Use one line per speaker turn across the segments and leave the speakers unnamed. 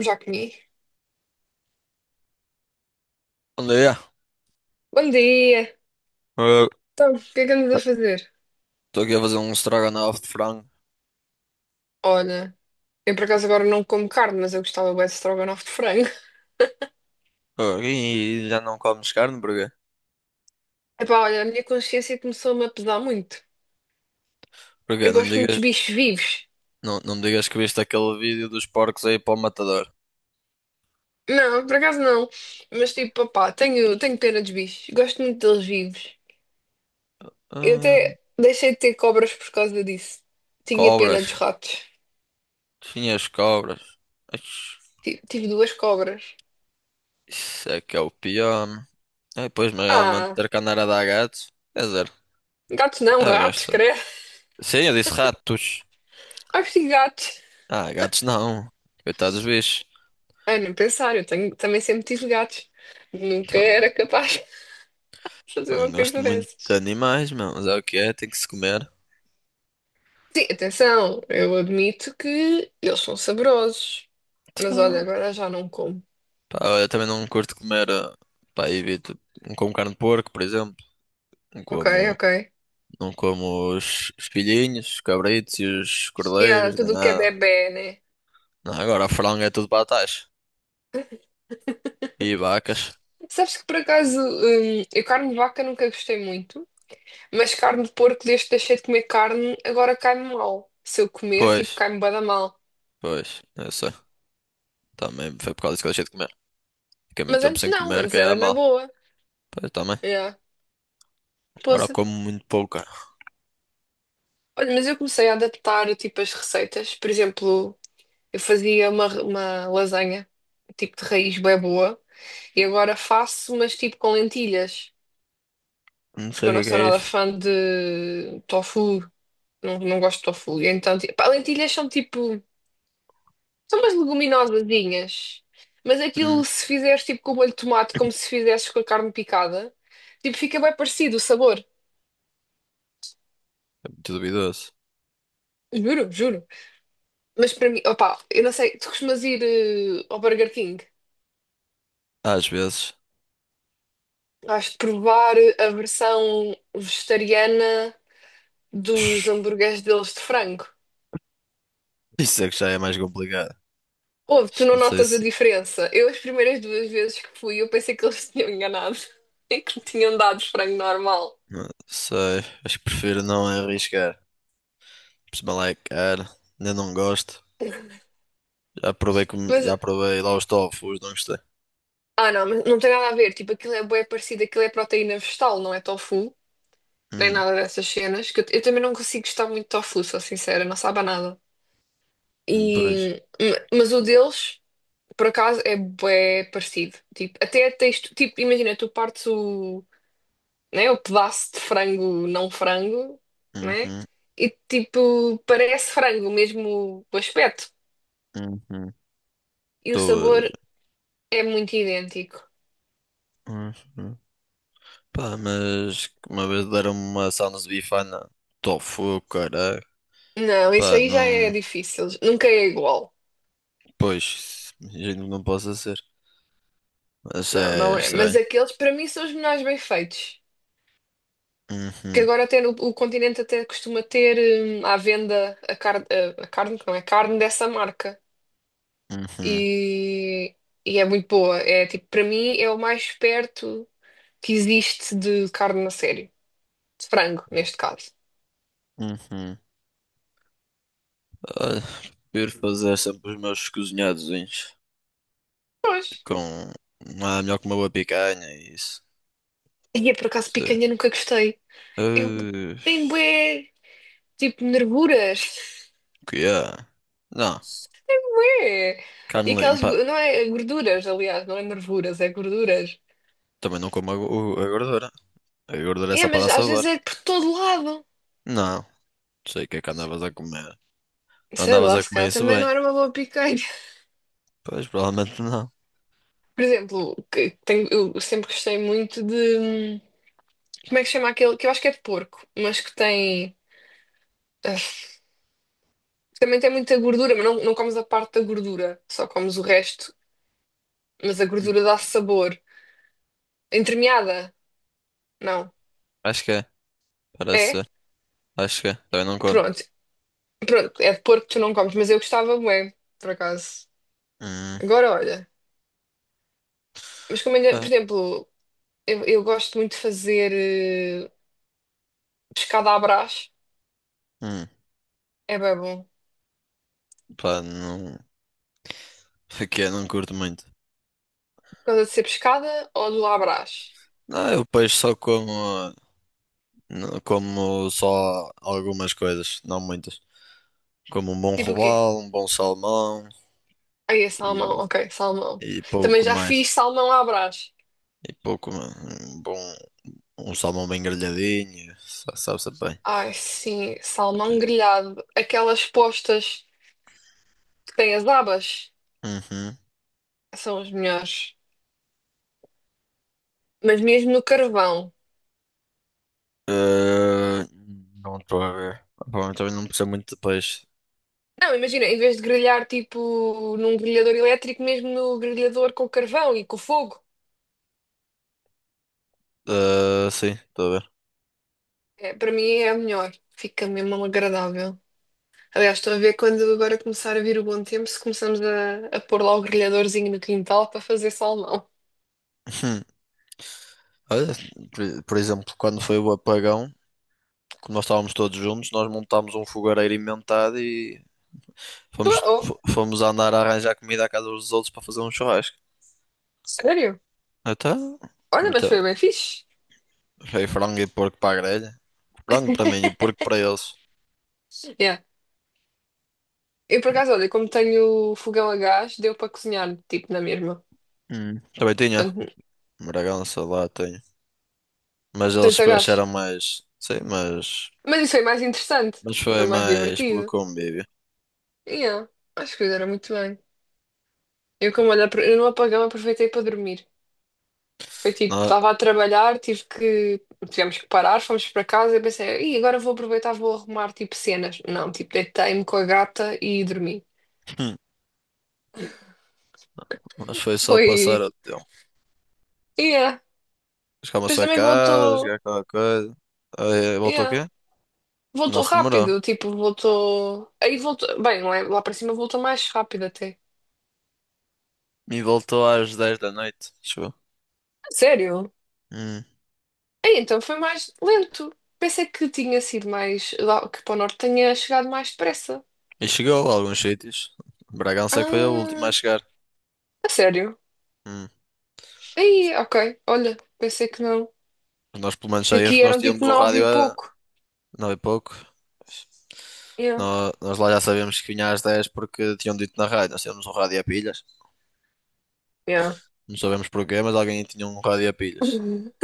Já comi.
Olha,
Bom dia!
eu
Então, o que é que andas a fazer?
estou aqui a fazer um estrogonofe de frango.
Olha, eu por acaso agora não como carne, mas eu gostava bué de estrogonofe de frango.
Ah, e já não comes carne, porquê?
Epá, olha, a minha consciência começou-me a pesar muito.
Porquê?
Eu
Não me
gosto muito
digas,
dos bichos vivos.
não, não me digas que viste aquele vídeo dos porcos aí para o matador.
Não, por acaso não. Mas tipo, papá, tenho pena dos bichos. Gosto muito deles vivos. Eu
Ah,
até deixei de ter cobras por causa disso. Tinha pena dos
cobras.
ratos.
Tinha as cobras. Ixi,
Tive duas cobras.
isso é que é o pior. É, pois, mas realmente
Ah,
ter que andar a dar gatos. Quer dizer,
gatos não,
eu
ratos,
gosto.
credo.
Sim, eu disse ratos.
Acho que gatos.
Ah, gatos não. Coitados dos bichos.
Ah, nem pensar, também sempre tive gatos. Nunca
Então,
era capaz de fazer
também
uma
gosto
coisa
muito de
dessas.
animais, meu, mas é o que é, tem que se comer.
Sim, atenção, eu admito que eles são saborosos. Mas
Então,
olha, agora já não como.
pá, eu também não curto comer, pá, evito. Não como carne de porco, por exemplo. Não
Ok,
como,
ok.
não como os filhinhos, os cabritos e os
E há
cordeiros, nem
tudo o que é
nada.
bebé, né?
Não, agora a franga é tudo batata e vacas.
Sabes que por acaso, eu carne de vaca nunca gostei muito, mas carne de porco, desde que deixei de comer carne, agora cai-me mal. Se eu comer, tipo,
Pois,
cai-me bué da mal.
pois, eu sei. Também foi por causa disso que eu deixei de comer. Fiquei muito
Mas
tempo
antes
sem
não,
comer,
antes
que
era
é
na
mal.
boa.
Pois também.
Yeah.
Agora
Poça.
como muito pouco, cara.
Olha, mas eu comecei a adaptar, tipo, as receitas. Por exemplo. Eu fazia uma lasanha, tipo de raiz bem boa, e agora faço, mas tipo com lentilhas,
Não sei
porque
o
eu não
que
sou
é
nada
isso.
fã de tofu, não gosto de tofu. E então, tipo, pá, lentilhas são tipo, são umas leguminosazinhas, mas
Hum,
aquilo se fizeres tipo com o molho de tomate, como se fizesses com a carne picada, tipo, fica bem parecido o sabor.
muito duvidoso.
Juro, juro. Mas para mim, opá, eu não sei, tu costumas ir ao Burger King?
Às vezes.
Acho de provar a versão vegetariana dos hambúrgueres deles de frango.
Isso é que já é mais complicado.
Ouve, tu não
Não sei
notas a
se.
diferença? Eu, as primeiras duas vezes que fui, eu pensei que eles se tinham enganado e que me tinham dado frango normal.
Não sei. Acho que prefiro não arriscar. Pessoal é caro, ainda não gosto. Já provei, com,
Mas,
já provei lá os tofus, não gostei.
ah não, mas não tem nada a ver. Tipo, aquilo é bué parecido, aquilo é proteína vegetal, não é tofu, nem
Hum,
nada dessas cenas. Que eu também não consigo gostar muito de tofu, sou sincera, não sabe a nada.
depois.
E, mas o deles, por acaso, é bué parecido. Tipo, até tens, tipo, imagina, tu partes o né? O pedaço de frango não frango, né?
Uhum,
E tipo, parece frango mesmo o aspecto.
uhum.
E o
Estou
sabor
a-
é muito idêntico.
uhum. Pá, mas uma vez deram-me uma Sounds Bifana tofu, caralho.
Não, isso
Pá,
aí já é
não.
difícil. Nunca é igual.
Pois, imagino que não possa ser. Mas
Não,
é
não é. Mas
estranho.
aqueles para mim são os melhores bem feitos. Que
Uhum,
agora até no, o continente até costuma ter à venda a carne, a carne, não é carne dessa marca.
uhum,
E, e é muito boa. É tipo, para mim é o mais perto que existe de carne a sério. De frango, neste caso.
uhum. Olha, prefiro fazer sempre os meus cozinhados
Pois.
com. Ah, melhor que uma boa picanha e isso.
E eu, por acaso,
Sim.
picanha nunca gostei. Eu
Uh,
tenho bué, tipo, nervuras.
que é? Não,
É. E
carne
aquelas,
limpa.
gorduras, aliás, não é nervuras, é gorduras.
Também não como a gordura. A gordura é
É,
só para
mas
dar
às vezes
sabor.
é por todo lado.
Não, sei o que é que andavas a comer. Não
Sei
andavas
lá,
a
se
comer
calhar
isso
também
bem.
não era uma boa picanha.
Pois, provavelmente não.
Por exemplo, que tenho, eu sempre gostei muito de... Como é que se chama aquele? Que eu acho que é de porco, mas que tem... ah, Também tem muita gordura, mas não comes a parte da gordura, só comes o resto. Mas a
Hum,
gordura dá sabor. Entremeada? Não.
Acho que é, parece
É?
ser. Acho que é, também não como.
Pronto. Pronto, é de porco que tu não comes, mas eu gostava bué, por acaso.
Hum,
Agora olha. Mas como ainda, por
pá,
exemplo, eu gosto muito de fazer eh, pescada à brás.
hum,
É bem bom. Por
pá, não. Aqui é, não curto muito.
causa de ser pescada ou do à brás?
Não, eu peixe só como. Ah, como só algumas coisas, não muitas. Como um bom
Tipo o quê?
robalo, um bom salmão
Aí é salmão,
e,
ok, salmão.
e
Também
pouco
já
mais.
fiz salmão à brás.
E pouco, mano. Um bom. Um salmão bem grelhadinho. Sabe-se bem.
Ai, sim, salmão grelhado. Aquelas postas que têm as abas
Uhum.
são as melhores. Mas mesmo no carvão.
Eh, não estou a ver. Pá, eu também não percebo muito de peixe.
Não, imagina, em vez de grelhar tipo num grelhador elétrico, mesmo no grelhador com carvão e com fogo,
Eh, sim, estou a ver.
é, para mim é a melhor. Fica mesmo agradável. Aliás, estou a ver quando agora começar a vir o bom tempo, se começamos a pôr lá o grelhadorzinho no quintal para fazer salmão.
Olha, por exemplo, quando foi o apagão, como nós estávamos todos juntos, nós montámos um fogareiro inventado e
Oh,
fomos,
oh,
fo- fomos andar a arranjar comida à casa dos outros para fazer um churrasco.
sério?
Então,
Olha, mas
então
foi bem fixe.
foi frango e porco para a grelha. Frango para mim e o porco para eles.
Yeah. Eu, por acaso, olha, como tenho fogão a gás, deu para cozinhar, tipo, na mesma.
Hum. Também tinha.
Portanto,
Bragança lá tenho. Mas eles
tanto a
acharam
gás.
mais. Sim, mas.
Mas isso foi mais interessante.
Mas
Foi
foi
mais
mais pelo
divertido.
convívio.
Yeah. Acho que era muito bem. Eu, como olha, eu no apagão aproveitei para dormir. Foi tipo,
Nós,
estava a trabalhar, tivemos que parar, fomos para casa e pensei, e agora vou aproveitar, vou arrumar tipo cenas. Não, tipo, deitei-me com a gata e dormi.
Nós foi só passar
Foi,
o tempo.
yeah.
Chegámos à
Depois
sua
também
casa,
voltou,
chegar qualquer coisa. Aí, voltou o
yeah.
quê? Não
Voltou
se demorou.
rápido, tipo, voltou. Aí voltou, bem, não é? Lá para cima voltou mais rápido até.
E voltou às 10 da noite. Chegou.
Sério?
Hum.
Aí então foi mais lento. Pensei que tinha sido mais, que para o norte tinha chegado mais depressa.
E chegou a alguns sítios. Bragança é que foi a
Ah,
última a chegar.
a sério?
Hum.
Aí, ok. Olha, pensei que não.
Nós pelo menos
Que
saímos
aqui
porque nós
eram tipo
tínhamos o
nove
rádio
e
a
pouco.
9 e pouco.
Yeah,
Nós, lá já sabíamos que vinha às 10 porque tinham dito na rádio. Nós tínhamos o rádio a pilhas.
yeah.
Não sabemos porquê, mas alguém tinha um rádio a pilhas.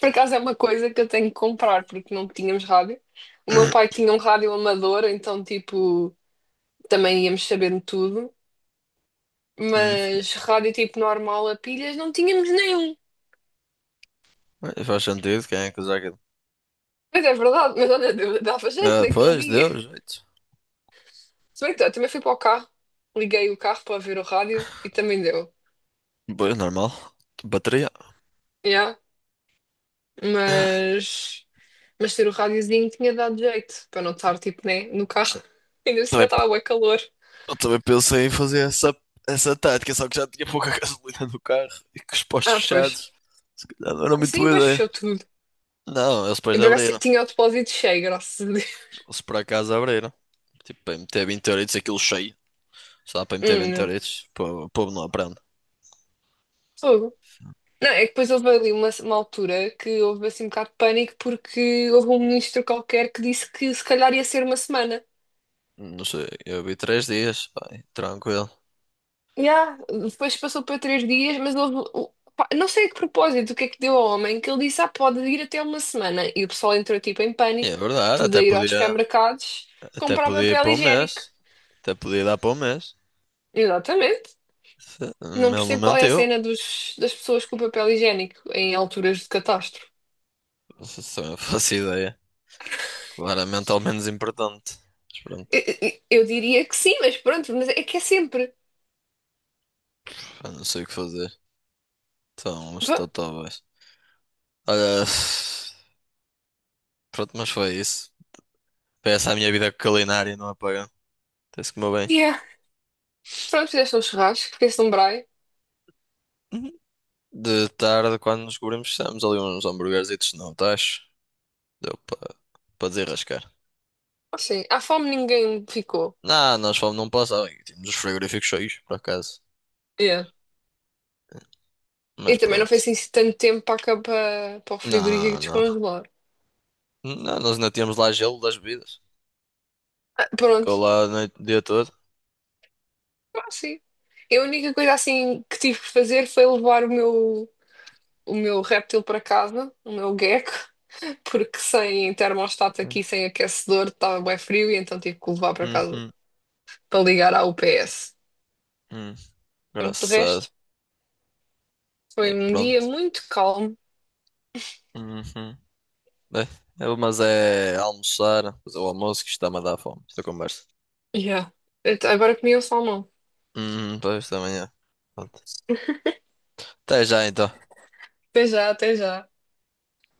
Por acaso é uma coisa que eu tenho que comprar, porque não tínhamos rádio. O meu pai tinha um rádio amador, então, tipo, também íamos sabendo tudo.
Hum,
Mas rádio, tipo, normal a pilhas, não tínhamos nenhum.
Bem, faz sentido, quem é que usa aquilo?
Mas é verdade, mas olha, dava jeito
Ah,
naquele
pois,
dia.
deu jeito.
Se bem que eu também fui para o carro, liguei o carro para ver o rádio e também deu.
Pois, normal. Bateria.
Yeah. Mas. Mas ter o rádiozinho tinha dado jeito, para não estar, tipo, né, no carro. Ainda por cima
Também-
estava bué calor.
Eu também pensei em fazer essa tática, só que já tinha pouca gasolina no carro e com os postos
Ah, pois.
fechados. Se calhar não era
Ah,
muito
sim,
boa
mas
ideia.
fechou tudo.
Não, eles depois
Eu, por acaso,
abriram.
tinha o depósito cheio, graças a Deus.
Eles por acaso abriram. Tipo, para meter 20 euritos aquilo cheio. Só para meter 20
Não.
euritos. O povo não aprende.
Fogo. Não, é que depois houve ali uma altura que houve assim um bocado de pânico porque houve um ministro qualquer que disse que se calhar ia ser uma semana.
Não sei, eu vi 3 dias, pá, tranquilo.
Yeah. Depois passou para três dias, mas houve. Não sei a que propósito, o que é que deu ao homem, que ele disse, ah, pode ir até uma semana. E o pessoal entrou tipo em
E é
pânico,
verdade,
tudo a
até
ir aos
podia.
supermercados
Até
comprar
podia ir
papel
para o
higiênico.
mês. Até podia dar para um mês.
Exatamente. Não
Ele não
percebo qual é a
mentiu.
cena dos, das pessoas com papel higiênico em alturas de catástrofe.
Só eu faço ideia. Claramente ao menos importante. Mas pronto,
Eu diria que sim, mas pronto, mas é que é sempre.
pá, não sei o que fazer. Então, os
Va-
totóbais. Olha, pronto, mas foi isso. Foi essa a minha vida culinária não apagão. Tem-se que comer bem.
Yeah. Pronto, fizeste um churrasco, fizeste um braai.
Uhum. De tarde, quando nos cobrimos, fizemos ali uns hamburguerzitos no tacho. Deu para desarrascar.
Assim, à fome ninguém ficou.
Não, nós fomos num passado. Tínhamos os frigoríficos cheios, por acaso. Mas
E também não
pronto.
foi assim tanto tempo para, cá, para, para o
Não,
frigorífico
não.
descongelar.
Não, nós ainda tínhamos lá gelo das bebidas.
Ah, pronto,
Ficou lá a noite, o dia todo.
ah, sim. E a única coisa assim que tive que fazer foi levar o meu réptil para casa, o meu gecko, porque sem termostato aqui, sem aquecedor, estava bem frio e então tive que o levar para casa
Uhum,
para ligar à UPS.
uhum.
Pronto, de
Engraçado.
resto,
E
foi um dia
pronto.
muito calmo.
Uhum. Bem, mas é almoçar, fazer o almoço que está-me a dar fome. Esta conversa.
Yeah. Então, agora comi o salmão.
Uhum, para esta manhã. Pronto. Até já então.
Até já, até já.